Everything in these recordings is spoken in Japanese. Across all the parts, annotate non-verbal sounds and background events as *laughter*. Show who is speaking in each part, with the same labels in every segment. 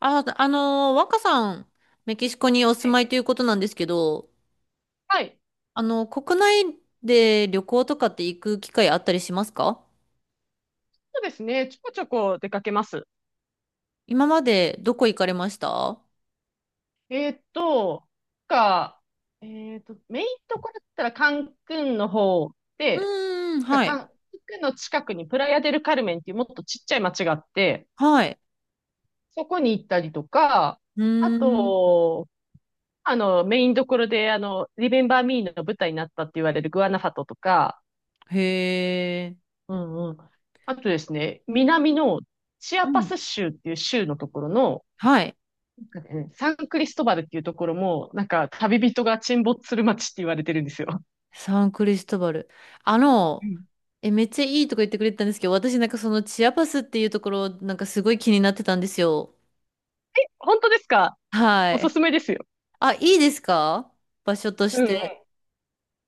Speaker 1: あ、若さん、メキシコにお住ま
Speaker 2: い。
Speaker 1: いということなんですけど、
Speaker 2: はい。
Speaker 1: 国内で旅行とかって行く機会あったりしますか？
Speaker 2: そうですね。ちょこちょこ出かけます。
Speaker 1: 今までどこ行かれました？
Speaker 2: えーっと、か、えーっと、メインとこだったらカンクンの方
Speaker 1: う
Speaker 2: で、
Speaker 1: ーん、はい。
Speaker 2: ンクンの近くにプラヤデルカルメンっていうもっとちっちゃい町があって、
Speaker 1: はい。
Speaker 2: そこに行ったりとか、
Speaker 1: うー
Speaker 2: あ
Speaker 1: ん、
Speaker 2: と、あの、メインどころで、あの、リメンバーミーの舞台になったって言われるグアナファトとか、
Speaker 1: へー
Speaker 2: うんうん。あとですね、南のチア
Speaker 1: う
Speaker 2: パ
Speaker 1: ん。
Speaker 2: ス州っていう州のところの、
Speaker 1: はい。
Speaker 2: なんかね、サンクリストバルっていうところも、なんか旅人が沈没する街って言われてるんですよ。
Speaker 1: サンクリストバル。あ
Speaker 2: う
Speaker 1: の、
Speaker 2: ん。
Speaker 1: え、めっちゃいいとか言ってくれてたんですけど、私なんかそのチアパスっていうところ、なんかすごい気になってたんですよ。
Speaker 2: 本当ですか？
Speaker 1: は
Speaker 2: おす
Speaker 1: い。
Speaker 2: すめですよ。
Speaker 1: あ、いいですか？場所と
Speaker 2: う
Speaker 1: し
Speaker 2: んう
Speaker 1: て。
Speaker 2: ん。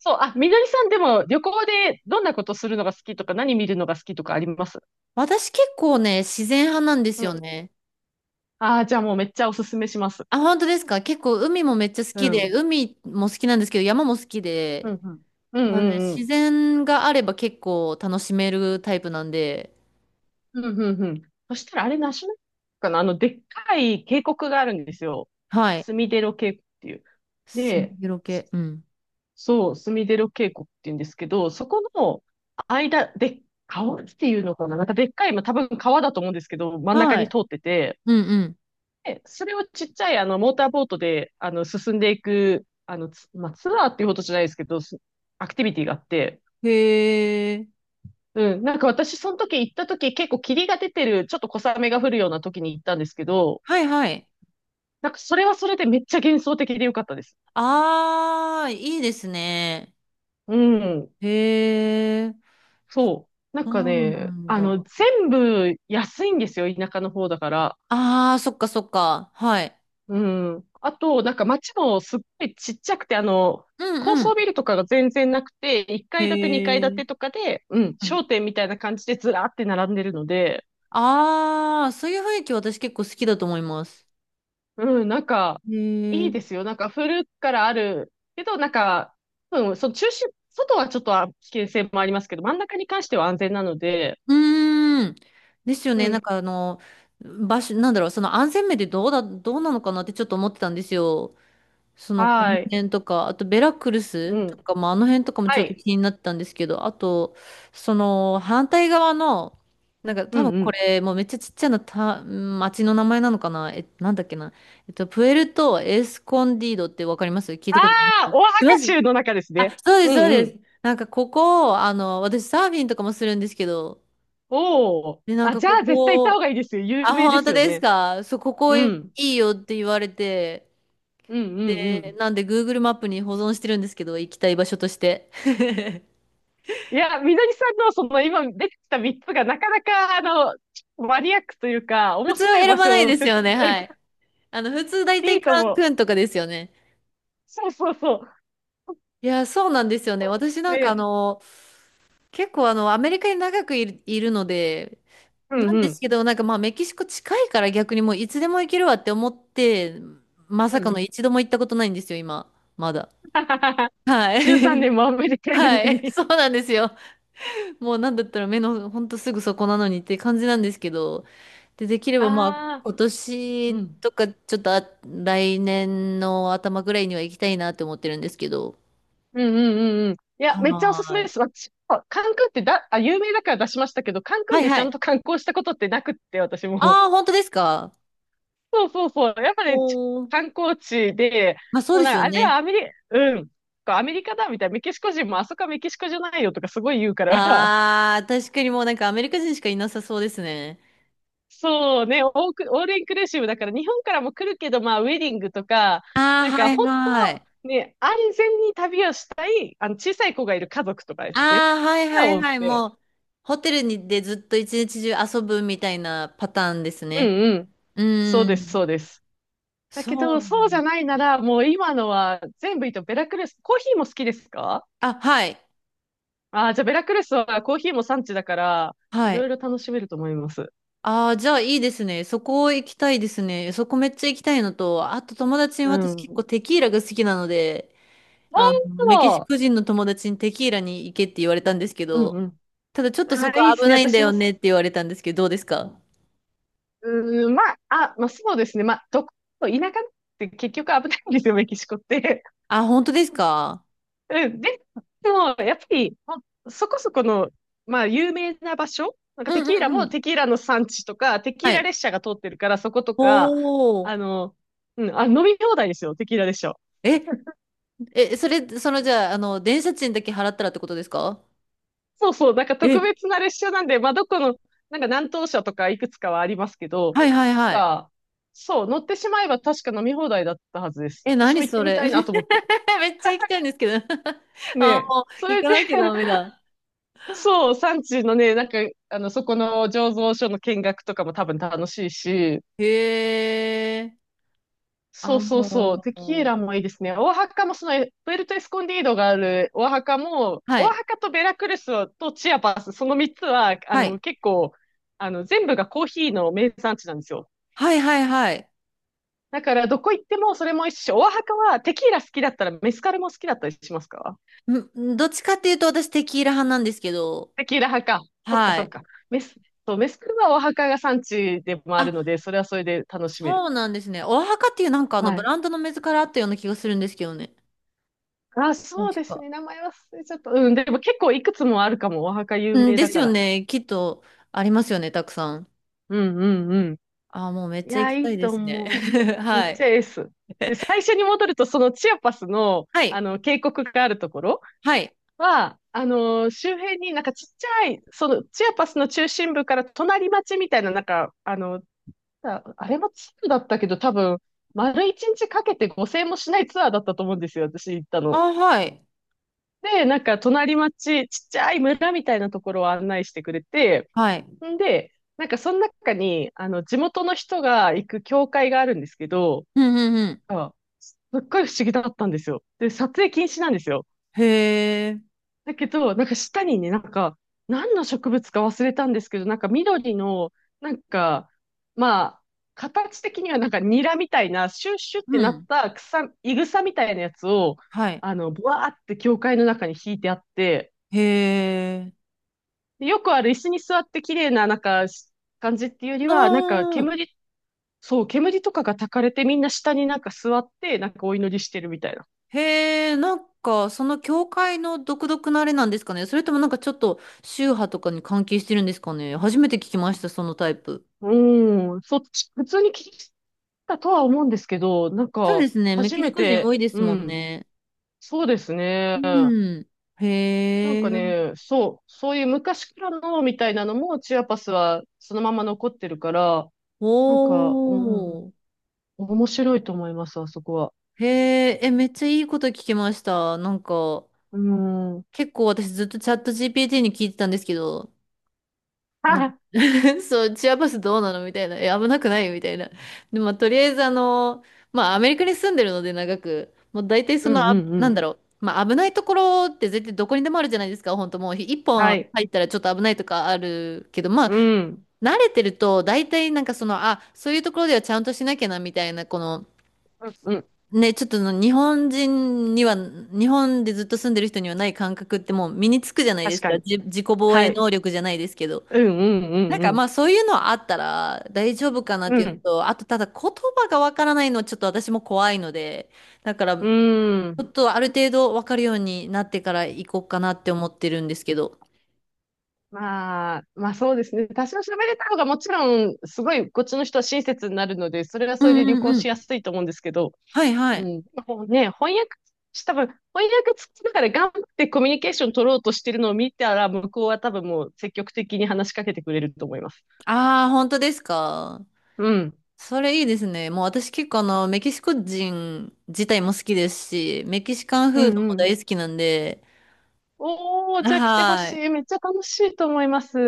Speaker 2: そう、あ、みのりさんでも旅行でどんなことするのが好きとか何見るのが好きとかあります？
Speaker 1: 私結構ね、自然派なんで
Speaker 2: う
Speaker 1: すよ
Speaker 2: ん。
Speaker 1: ね。
Speaker 2: ああ、じゃあもうめっちゃおすすめします。
Speaker 1: あ、本当ですか？結構海もめっちゃ好
Speaker 2: う
Speaker 1: き
Speaker 2: ん。う
Speaker 1: で、
Speaker 2: ん
Speaker 1: 海も好きなんですけど、山も好き
Speaker 2: う
Speaker 1: で、
Speaker 2: んうんう
Speaker 1: なので
Speaker 2: んう
Speaker 1: 自
Speaker 2: ん。
Speaker 1: 然があれば結構楽しめるタイプなんで、
Speaker 2: うんうんうん。そしたらあれナショナルかな、あの、でっかい渓谷があるんですよ。
Speaker 1: はい。
Speaker 2: スミデロ渓谷っていう。
Speaker 1: スミ
Speaker 2: で、
Speaker 1: ゲロ系。うん。
Speaker 2: そう、スミデロ渓谷って言うんですけど、そこの間で、川っていうのかな、なんかでっかい、まあ、多分川だと思うんですけど、真ん中
Speaker 1: は
Speaker 2: に
Speaker 1: い。
Speaker 2: 通ってて、
Speaker 1: うんう
Speaker 2: で、それをちっちゃい、あのモーターボートで、あの進んでいく、あのツまあ、ツアーっていうほどじゃないですけど、アクティビティがあって、
Speaker 1: ん。へえ。
Speaker 2: うん、なんか私その時行った時結構霧が出てる、ちょっと小雨が降るような時に行ったんですけど、
Speaker 1: はいはい。
Speaker 2: なんかそれはそれでめっちゃ幻想的でよかったです。
Speaker 1: ああ、いいですね。
Speaker 2: うん。
Speaker 1: へえ。
Speaker 2: そう。なん
Speaker 1: そ
Speaker 2: か
Speaker 1: うな
Speaker 2: ね、
Speaker 1: ん
Speaker 2: あ
Speaker 1: だ。
Speaker 2: の、全部安いんですよ、田舎の方だから。
Speaker 1: ああ、そっかそっか。はい。
Speaker 2: うん。あと、なんか街もすっごいちっちゃくて、あの、
Speaker 1: う
Speaker 2: 高
Speaker 1: んう
Speaker 2: 層
Speaker 1: ん。
Speaker 2: ビルとかが全然なくて、1
Speaker 1: へ
Speaker 2: 階建て、2階建てと
Speaker 1: え。
Speaker 2: かで、うん、商店みたいな感じでずらーって並んでるので、
Speaker 1: ああ、そういう雰囲気私結構好きだと思います。
Speaker 2: うん、なんか、
Speaker 1: へ
Speaker 2: いい
Speaker 1: え。
Speaker 2: ですよ。なんか古くからあるけど、なんか、うん、その中心、外はちょっと危険性もありますけど、真ん中に関しては安全なので、
Speaker 1: うーん。ですよ
Speaker 2: う
Speaker 1: ね。なん
Speaker 2: ん、
Speaker 1: か場所、なんだろう、その安全面でどうなのかなってちょっと思ってたんですよ。その、この
Speaker 2: はい、
Speaker 1: 辺とか、あとベラクルス
Speaker 2: う
Speaker 1: と
Speaker 2: ん、
Speaker 1: かも、あの辺とかもち
Speaker 2: は
Speaker 1: ょっと
Speaker 2: い、
Speaker 1: 気になってたんですけど、あと、その、反対側の、なんか
Speaker 2: う
Speaker 1: 多分
Speaker 2: ん、う
Speaker 1: こ
Speaker 2: ん。
Speaker 1: れ、もうめっちゃちっちゃな町の名前なのかな？え、なんだっけな。プエルト・エスコンディードってわかります？聞い
Speaker 2: あ
Speaker 1: たことありま
Speaker 2: あ、
Speaker 1: す？
Speaker 2: オア
Speaker 1: い
Speaker 2: ハカ
Speaker 1: ます。
Speaker 2: 州の中ですね。
Speaker 1: あ、そうで
Speaker 2: う
Speaker 1: す、そう
Speaker 2: んう
Speaker 1: で
Speaker 2: ん。
Speaker 1: す。なんかここ、私サーフィンとかもするんですけど、
Speaker 2: おお。
Speaker 1: で、なん
Speaker 2: あ、
Speaker 1: か
Speaker 2: じゃ
Speaker 1: こ
Speaker 2: あ絶対行った方
Speaker 1: こ、
Speaker 2: がいいですよ。有
Speaker 1: あ、
Speaker 2: 名で
Speaker 1: 本
Speaker 2: す
Speaker 1: 当
Speaker 2: よ
Speaker 1: です
Speaker 2: ね。
Speaker 1: か？そう、ここ
Speaker 2: う
Speaker 1: い
Speaker 2: ん。
Speaker 1: いよって言われて、
Speaker 2: うんうんう
Speaker 1: で、
Speaker 2: ん。
Speaker 1: なんで Google マップに保存してるんですけど、行きたい場所として。*laughs*
Speaker 2: いや、みのりさんのその今出てきた3つがなかなかあの、マニアックというか、
Speaker 1: 普
Speaker 2: 面
Speaker 1: 通は
Speaker 2: 白い
Speaker 1: 選
Speaker 2: 場
Speaker 1: ばない
Speaker 2: 所を
Speaker 1: ですよ
Speaker 2: *laughs*
Speaker 1: ね、はい。普通大
Speaker 2: い
Speaker 1: 体
Speaker 2: いと
Speaker 1: カン
Speaker 2: 思う。
Speaker 1: クンとかですよね。
Speaker 2: そうそうそ
Speaker 1: いや、そうなんですよね。私
Speaker 2: う。
Speaker 1: なんか
Speaker 2: ね。
Speaker 1: 結構アメリカに長くいるので、
Speaker 2: う
Speaker 1: な
Speaker 2: ん
Speaker 1: ん
Speaker 2: う
Speaker 1: です
Speaker 2: ん。
Speaker 1: けど、なんかまあメキシコ近いから逆にもういつでも行けるわって思って、ま
Speaker 2: う
Speaker 1: さ
Speaker 2: ん
Speaker 1: か
Speaker 2: う
Speaker 1: の
Speaker 2: ん。
Speaker 1: 一度も行ったことないんですよ、今。まだ。
Speaker 2: *laughs*
Speaker 1: は
Speaker 2: 13
Speaker 1: い。
Speaker 2: 年もアメリ
Speaker 1: *laughs*
Speaker 2: カいるの
Speaker 1: はい。
Speaker 2: に。
Speaker 1: そうなんですよ。もうなんだったら目のほんとすぐそこなのにって感じなんですけど。で、できればまあ
Speaker 2: ああ。
Speaker 1: 今
Speaker 2: う
Speaker 1: 年
Speaker 2: ん。
Speaker 1: とかちょっと来年の頭ぐらいには行きたいなって思ってるんですけど。
Speaker 2: うんうんうんうん。いや、めっちゃおすす
Speaker 1: は
Speaker 2: め
Speaker 1: ー
Speaker 2: で
Speaker 1: い。
Speaker 2: す。私、あカンクンってだ、あ、有名だから出しましたけど、カンク
Speaker 1: は
Speaker 2: ン
Speaker 1: い
Speaker 2: でち
Speaker 1: は
Speaker 2: ゃん
Speaker 1: い。
Speaker 2: と観光したことってなくって、私も。
Speaker 1: ああ、本当ですか？
Speaker 2: そうそうそう。やっぱり、
Speaker 1: おー。
Speaker 2: 観光地で、
Speaker 1: まあそう
Speaker 2: もう
Speaker 1: で
Speaker 2: なん
Speaker 1: す
Speaker 2: か、
Speaker 1: よ
Speaker 2: あれはア
Speaker 1: ね。
Speaker 2: メリ、うん、アメリカだみたいな、メキシコ人もあそこはメキシコじゃないよとかすごい言うから、
Speaker 1: あー、確かにもうなんかアメリカ人しかいなさそうですね。
Speaker 2: *laughs* そうね、オールインクルーシブだから日本からも来るけど、まあ、ウェディングとか、
Speaker 1: ああ、
Speaker 2: なん
Speaker 1: は
Speaker 2: か
Speaker 1: い
Speaker 2: 本
Speaker 1: はい。
Speaker 2: 当、ね、安全に旅をしたい、あの、小さい子がいる家族とかですね、
Speaker 1: あー、はいは
Speaker 2: が
Speaker 1: い
Speaker 2: 多
Speaker 1: は
Speaker 2: く
Speaker 1: い。も
Speaker 2: て。
Speaker 1: う、ホテルにでずっと一日中遊ぶみたいなパターンです
Speaker 2: うん
Speaker 1: ね。
Speaker 2: うん。
Speaker 1: う
Speaker 2: そう
Speaker 1: ー
Speaker 2: です、
Speaker 1: ん。
Speaker 2: そうです。だけ
Speaker 1: そ
Speaker 2: ど、
Speaker 1: うだ
Speaker 2: そうじゃ
Speaker 1: ね。
Speaker 2: ないなら、もう今のは全部いいと、ベラクルス、コーヒーも好きですか？
Speaker 1: あ、はい。
Speaker 2: ああー、じゃあベラクルスはコーヒーも産地だから、い
Speaker 1: は
Speaker 2: ろ
Speaker 1: い。
Speaker 2: いろ楽しめると思います。
Speaker 1: ああ、じゃあいいですね。そこ行きたいですね。そこめっちゃ行きたいのと、あと友達に
Speaker 2: う
Speaker 1: 私
Speaker 2: ん。
Speaker 1: 結
Speaker 2: 本
Speaker 1: 構テキーラが好きなので、メキ
Speaker 2: 当。
Speaker 1: シコ人の友達にテキーラに行けって言われたんですけ
Speaker 2: うん
Speaker 1: ど、
Speaker 2: うん。
Speaker 1: ただちょっとそ
Speaker 2: ああ、
Speaker 1: こ
Speaker 2: いいで
Speaker 1: 危
Speaker 2: すね。
Speaker 1: ないんだ
Speaker 2: 私
Speaker 1: よ
Speaker 2: も好き、
Speaker 1: ねって言われたんですけど、どうですか？
Speaker 2: うーん、まあ、あ、まあそうですね。田舎って結局危ないんですよ、メキシコって。
Speaker 1: あ、本当ですか？
Speaker 2: うん、で、でも、やっぱり、まあそこそこの、まあ、有名な場所、なんか
Speaker 1: う
Speaker 2: テ
Speaker 1: んう
Speaker 2: キーラ
Speaker 1: んう
Speaker 2: も
Speaker 1: ん。
Speaker 2: テキーラの産地とか、テキ
Speaker 1: は
Speaker 2: ーラ
Speaker 1: い。
Speaker 2: 列車が通ってるから、そことか、
Speaker 1: おー。
Speaker 2: あの、うん、あ、飲み放題ですよ、テキーラ列車。
Speaker 1: え、え、それ、その、じゃあ、電車賃だけ払ったらってことですか？
Speaker 2: そうそう、なんか特
Speaker 1: え、
Speaker 2: 別な列車なんで、まあ、どこの、なんか南東車とかいくつかはありますけど、
Speaker 1: はいはいはい。
Speaker 2: が、そう、乗ってしまえば確か飲み放題だったはずです。
Speaker 1: え、
Speaker 2: 私
Speaker 1: 何
Speaker 2: も行って
Speaker 1: そ
Speaker 2: み
Speaker 1: れ
Speaker 2: たいなと思って。
Speaker 1: *laughs* めっちゃ行きたいんですけど *laughs*
Speaker 2: ね
Speaker 1: あ、
Speaker 2: え、
Speaker 1: もう、
Speaker 2: そ
Speaker 1: 行
Speaker 2: れ
Speaker 1: か
Speaker 2: で
Speaker 1: なきゃダメ
Speaker 2: *laughs*
Speaker 1: だ。
Speaker 2: そう、産地のね、なんか、あの、そこの醸造所の見学とかも多分楽しいし、
Speaker 1: へえ。
Speaker 2: そ
Speaker 1: あ、
Speaker 2: うそうそう、
Speaker 1: も
Speaker 2: テキー
Speaker 1: う、
Speaker 2: ラもいいですね。オアハカもその、プエルトエスコンディードがあるオアハカも、
Speaker 1: は
Speaker 2: オア
Speaker 1: い。
Speaker 2: ハカとベラクルスとチアパス、その3つは、あ
Speaker 1: はい。
Speaker 2: の、結構、あの、全部がコーヒーの名産地なんですよ。
Speaker 1: はいはいはい。
Speaker 2: だから、どこ行ってもそれも一緒。オアハカはテキーラ好きだったらメスカルも好きだったりしますか？
Speaker 1: どっちかっていうと、私、テキーラ派なんですけど、
Speaker 2: テキーラ派か。そっか
Speaker 1: は
Speaker 2: そっ
Speaker 1: い。
Speaker 2: か。メス、そう、メスカルはオアハカが産地でもあ
Speaker 1: あ、
Speaker 2: るので、それはそれで楽しめる。
Speaker 1: そうなんですね。オアハカっていう、なんか、
Speaker 2: は
Speaker 1: ブ
Speaker 2: い。
Speaker 1: ランドの水からあったような気がするんですけどね。
Speaker 2: あ、そう
Speaker 1: 確
Speaker 2: です
Speaker 1: か。
Speaker 2: ね。名前忘れちゃった。うん。でも結構いくつもあるかも。お墓有
Speaker 1: うん、
Speaker 2: 名
Speaker 1: で
Speaker 2: だ
Speaker 1: す
Speaker 2: か
Speaker 1: よ
Speaker 2: ら。
Speaker 1: ね。きっとありますよね、たくさん。
Speaker 2: うんうんうん。
Speaker 1: ああ、もうめっ
Speaker 2: い
Speaker 1: ちゃ行
Speaker 2: や、
Speaker 1: き
Speaker 2: い
Speaker 1: た
Speaker 2: い
Speaker 1: いで
Speaker 2: と
Speaker 1: すね。
Speaker 2: 思う。
Speaker 1: *laughs*
Speaker 2: め
Speaker 1: は
Speaker 2: っち
Speaker 1: い。
Speaker 2: ゃエース。で、最
Speaker 1: *laughs*
Speaker 2: 初に戻ると、そのチアパスの、
Speaker 1: はい。
Speaker 2: あの、渓谷があるところ
Speaker 1: はい。
Speaker 2: は、あのー周辺になんかちっちゃい、その、チアパスの中心部から隣町みたいな、なんか、あの、あ、あれもツアーだったけど、多分、丸一日かけて5000もしないツアーだったと思うんですよ。私行ったの。
Speaker 1: ああ、はい。
Speaker 2: で、なんか隣町、ちっちゃい村みたいなところを案内してくれて、
Speaker 1: はい。
Speaker 2: んで、なんかその中に、あの、地元の人が行く教会があるんですけど、
Speaker 1: うんうんうん。
Speaker 2: あすっごい不思議だったんですよ。で、撮影禁止なんですよ。
Speaker 1: へえ。
Speaker 2: だけど、なんか下にね、なんか、何の植物か忘れたんですけど、なんか緑の、なんか、まあ、形的にはなんかニラみたいな、シュッシュって
Speaker 1: う
Speaker 2: なっ
Speaker 1: ん。
Speaker 2: た草、いぐさみたいなやつを、
Speaker 1: はい。
Speaker 2: あの、ブワーって教会の中に引いてあって、
Speaker 1: へえ。
Speaker 2: よくある椅子に座って綺麗ななんか感じっていうよりは、なんか
Speaker 1: ああ。
Speaker 2: 煙、そう、煙とかが焚かれてみんな下になんか座ってなんかお祈りしてるみたいな。
Speaker 1: へえ、なんか、その教会の独特なあれなんですかね。それともなんかちょっと宗派とかに関係してるんですかね。初めて聞きました、そのタイプ。
Speaker 2: うん、そっち、普通に聞いたとは思うんですけど、なん
Speaker 1: そうで
Speaker 2: か
Speaker 1: すね。メ
Speaker 2: 初
Speaker 1: キ
Speaker 2: め
Speaker 1: シコ人
Speaker 2: て、
Speaker 1: 多いで
Speaker 2: う
Speaker 1: すもん
Speaker 2: ん、
Speaker 1: ね。
Speaker 2: そうですね。
Speaker 1: うん。
Speaker 2: なん
Speaker 1: へえ。
Speaker 2: かね、そう、そういう昔からのみたいなのもチアパスはそのまま残ってるから、
Speaker 1: お
Speaker 2: なんか、うん、
Speaker 1: ー。
Speaker 2: 面白いと思います、あそこは。
Speaker 1: へえ、え、めっちゃいいこと聞きました。なんか、
Speaker 2: うん。*laughs*
Speaker 1: 結構私ずっとチャット GPT に聞いてたんですけど、
Speaker 2: は
Speaker 1: なんか
Speaker 2: い。
Speaker 1: *laughs* そう、チアバスどうなのみたいな。え、危なくないみたいな。で、まあ、とりあえずまあ、アメリカに住んでるので長く、もう大体
Speaker 2: うんうんう
Speaker 1: な
Speaker 2: ん。
Speaker 1: んだろう。まあ、危ないところって絶対どこにでもあるじゃないですか。本当もう、一
Speaker 2: は
Speaker 1: 本
Speaker 2: い。
Speaker 1: 入ったらちょっと危ないとかあるけど、まあ、
Speaker 2: うん。
Speaker 1: 慣れてると、大体なんかそういうところではちゃんとしなきゃな、みたいな、この、
Speaker 2: うん、うん。
Speaker 1: ね、ちょっとの日本人には、日本でずっと住んでる人にはない感覚ってもう身につくじゃないで
Speaker 2: 確
Speaker 1: す
Speaker 2: か
Speaker 1: か。
Speaker 2: に。
Speaker 1: 自己防
Speaker 2: は
Speaker 1: 衛
Speaker 2: い。
Speaker 1: 能力じゃないですけど。
Speaker 2: うん、う
Speaker 1: な
Speaker 2: ん、
Speaker 1: ん
Speaker 2: う
Speaker 1: かま
Speaker 2: ん、
Speaker 1: あそういうのはあったら大丈夫かなっ
Speaker 2: う
Speaker 1: ていうの
Speaker 2: ん。
Speaker 1: と、あとただ言葉がわからないのはちょっと私も怖いので、だから
Speaker 2: う
Speaker 1: ち
Speaker 2: ん。うーん。
Speaker 1: ょっとある程度わかるようになってから行こうかなって思ってるんですけど。
Speaker 2: まあ、まあそうですね。多少喋れた方がもちろん、すごい、こっちの人は親切になるので、それは
Speaker 1: う
Speaker 2: それ
Speaker 1: ん
Speaker 2: で旅
Speaker 1: うん
Speaker 2: 行
Speaker 1: う
Speaker 2: しや
Speaker 1: ん。
Speaker 2: すいと思うんですけど、
Speaker 1: はいは
Speaker 2: う
Speaker 1: い。
Speaker 2: ん。でもね、翻訳、多分、翻訳つきながら頑張ってコミュニケーション取ろうとしてるのを見たら、向こうは多分もう積極的に話しかけてくれると思います。
Speaker 1: ああ、本当ですか。
Speaker 2: うん。
Speaker 1: それいいですね。もう私結構メキシコ人自体も好きですし、メキシカン
Speaker 2: う
Speaker 1: フー
Speaker 2: ん、
Speaker 1: ド
Speaker 2: う
Speaker 1: も
Speaker 2: ん。
Speaker 1: 大好きなんで、
Speaker 2: おー、じゃあ来てほ
Speaker 1: は
Speaker 2: し
Speaker 1: い。
Speaker 2: い。めっちゃ楽しいと思います。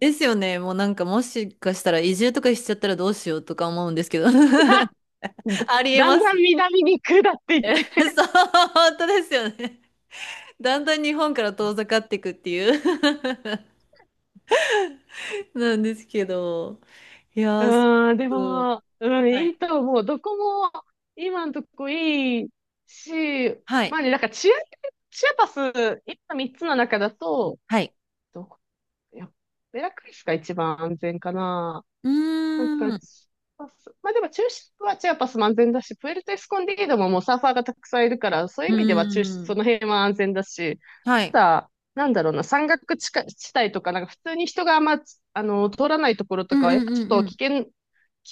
Speaker 1: ですよね。もうなんかもしかしたら移住とかしちゃったらどうしようとか思うんですけど。*laughs*
Speaker 2: *laughs*
Speaker 1: あ
Speaker 2: *laughs*
Speaker 1: りえ
Speaker 2: だ
Speaker 1: ま
Speaker 2: んだ
Speaker 1: す
Speaker 2: ん
Speaker 1: ね。
Speaker 2: 南に下っていっ
Speaker 1: *laughs*
Speaker 2: て。
Speaker 1: そう、本当ですよね。だんだん日本から遠ざかっていくっていう *laughs* なんですけど。いやー、す
Speaker 2: うん、で
Speaker 1: ごく
Speaker 2: も、うん、
Speaker 1: は
Speaker 2: いい
Speaker 1: い。
Speaker 2: と思う。どこも今んとこいいし、
Speaker 1: はい。
Speaker 2: まあね、チアパス、今三つの中だと、
Speaker 1: はい。
Speaker 2: どこ、いや、ベラクリスが一番安全かな。
Speaker 1: う
Speaker 2: なん
Speaker 1: ー
Speaker 2: か、
Speaker 1: ん。う
Speaker 2: チアパス、まあでも中心はチアパスも安全だし、プエルトエスコンディードももうサーファーがたくさんいるから、そういう
Speaker 1: ー
Speaker 2: 意味では中心、そ
Speaker 1: ん。
Speaker 2: の辺は安全だし、
Speaker 1: はい。
Speaker 2: なんだろうな、山岳地下地帯とか、なんか普通に人があんま、あの、通らないところ
Speaker 1: う
Speaker 2: と
Speaker 1: ん
Speaker 2: かは、やっ
Speaker 1: うん
Speaker 2: ぱ
Speaker 1: う
Speaker 2: ち
Speaker 1: ん
Speaker 2: ょ
Speaker 1: う
Speaker 2: っと
Speaker 1: ん。
Speaker 2: 危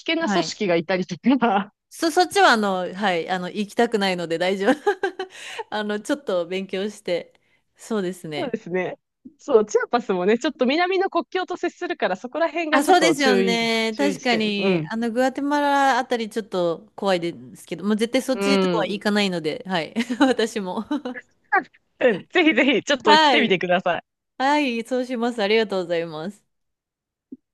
Speaker 2: 険な
Speaker 1: は
Speaker 2: 組
Speaker 1: い。
Speaker 2: 織がいたりとか、
Speaker 1: そっちははい、行きたくないので大丈夫。*laughs* ちょっと勉強して。そうです
Speaker 2: *laughs* そう
Speaker 1: ね。
Speaker 2: ですね。そう、チアパスもね、ちょっと南の国境と接するから、そこら辺が
Speaker 1: あ、
Speaker 2: ちょ
Speaker 1: そ
Speaker 2: っ
Speaker 1: うで
Speaker 2: と
Speaker 1: すよね。
Speaker 2: 注意
Speaker 1: 確
Speaker 2: 地
Speaker 1: か
Speaker 2: 点。う
Speaker 1: に、
Speaker 2: ん。
Speaker 1: グアテマラあたりちょっと怖いですけど、もう絶対そっ
Speaker 2: う
Speaker 1: ちとかは行
Speaker 2: ん。
Speaker 1: かないので、はい、*laughs* 私も。
Speaker 2: *laughs* うん。ぜひぜひ、ちょっ
Speaker 1: *laughs*
Speaker 2: と来
Speaker 1: は
Speaker 2: てみて
Speaker 1: い。
Speaker 2: ください。
Speaker 1: はい、そうします。ありがとうございます。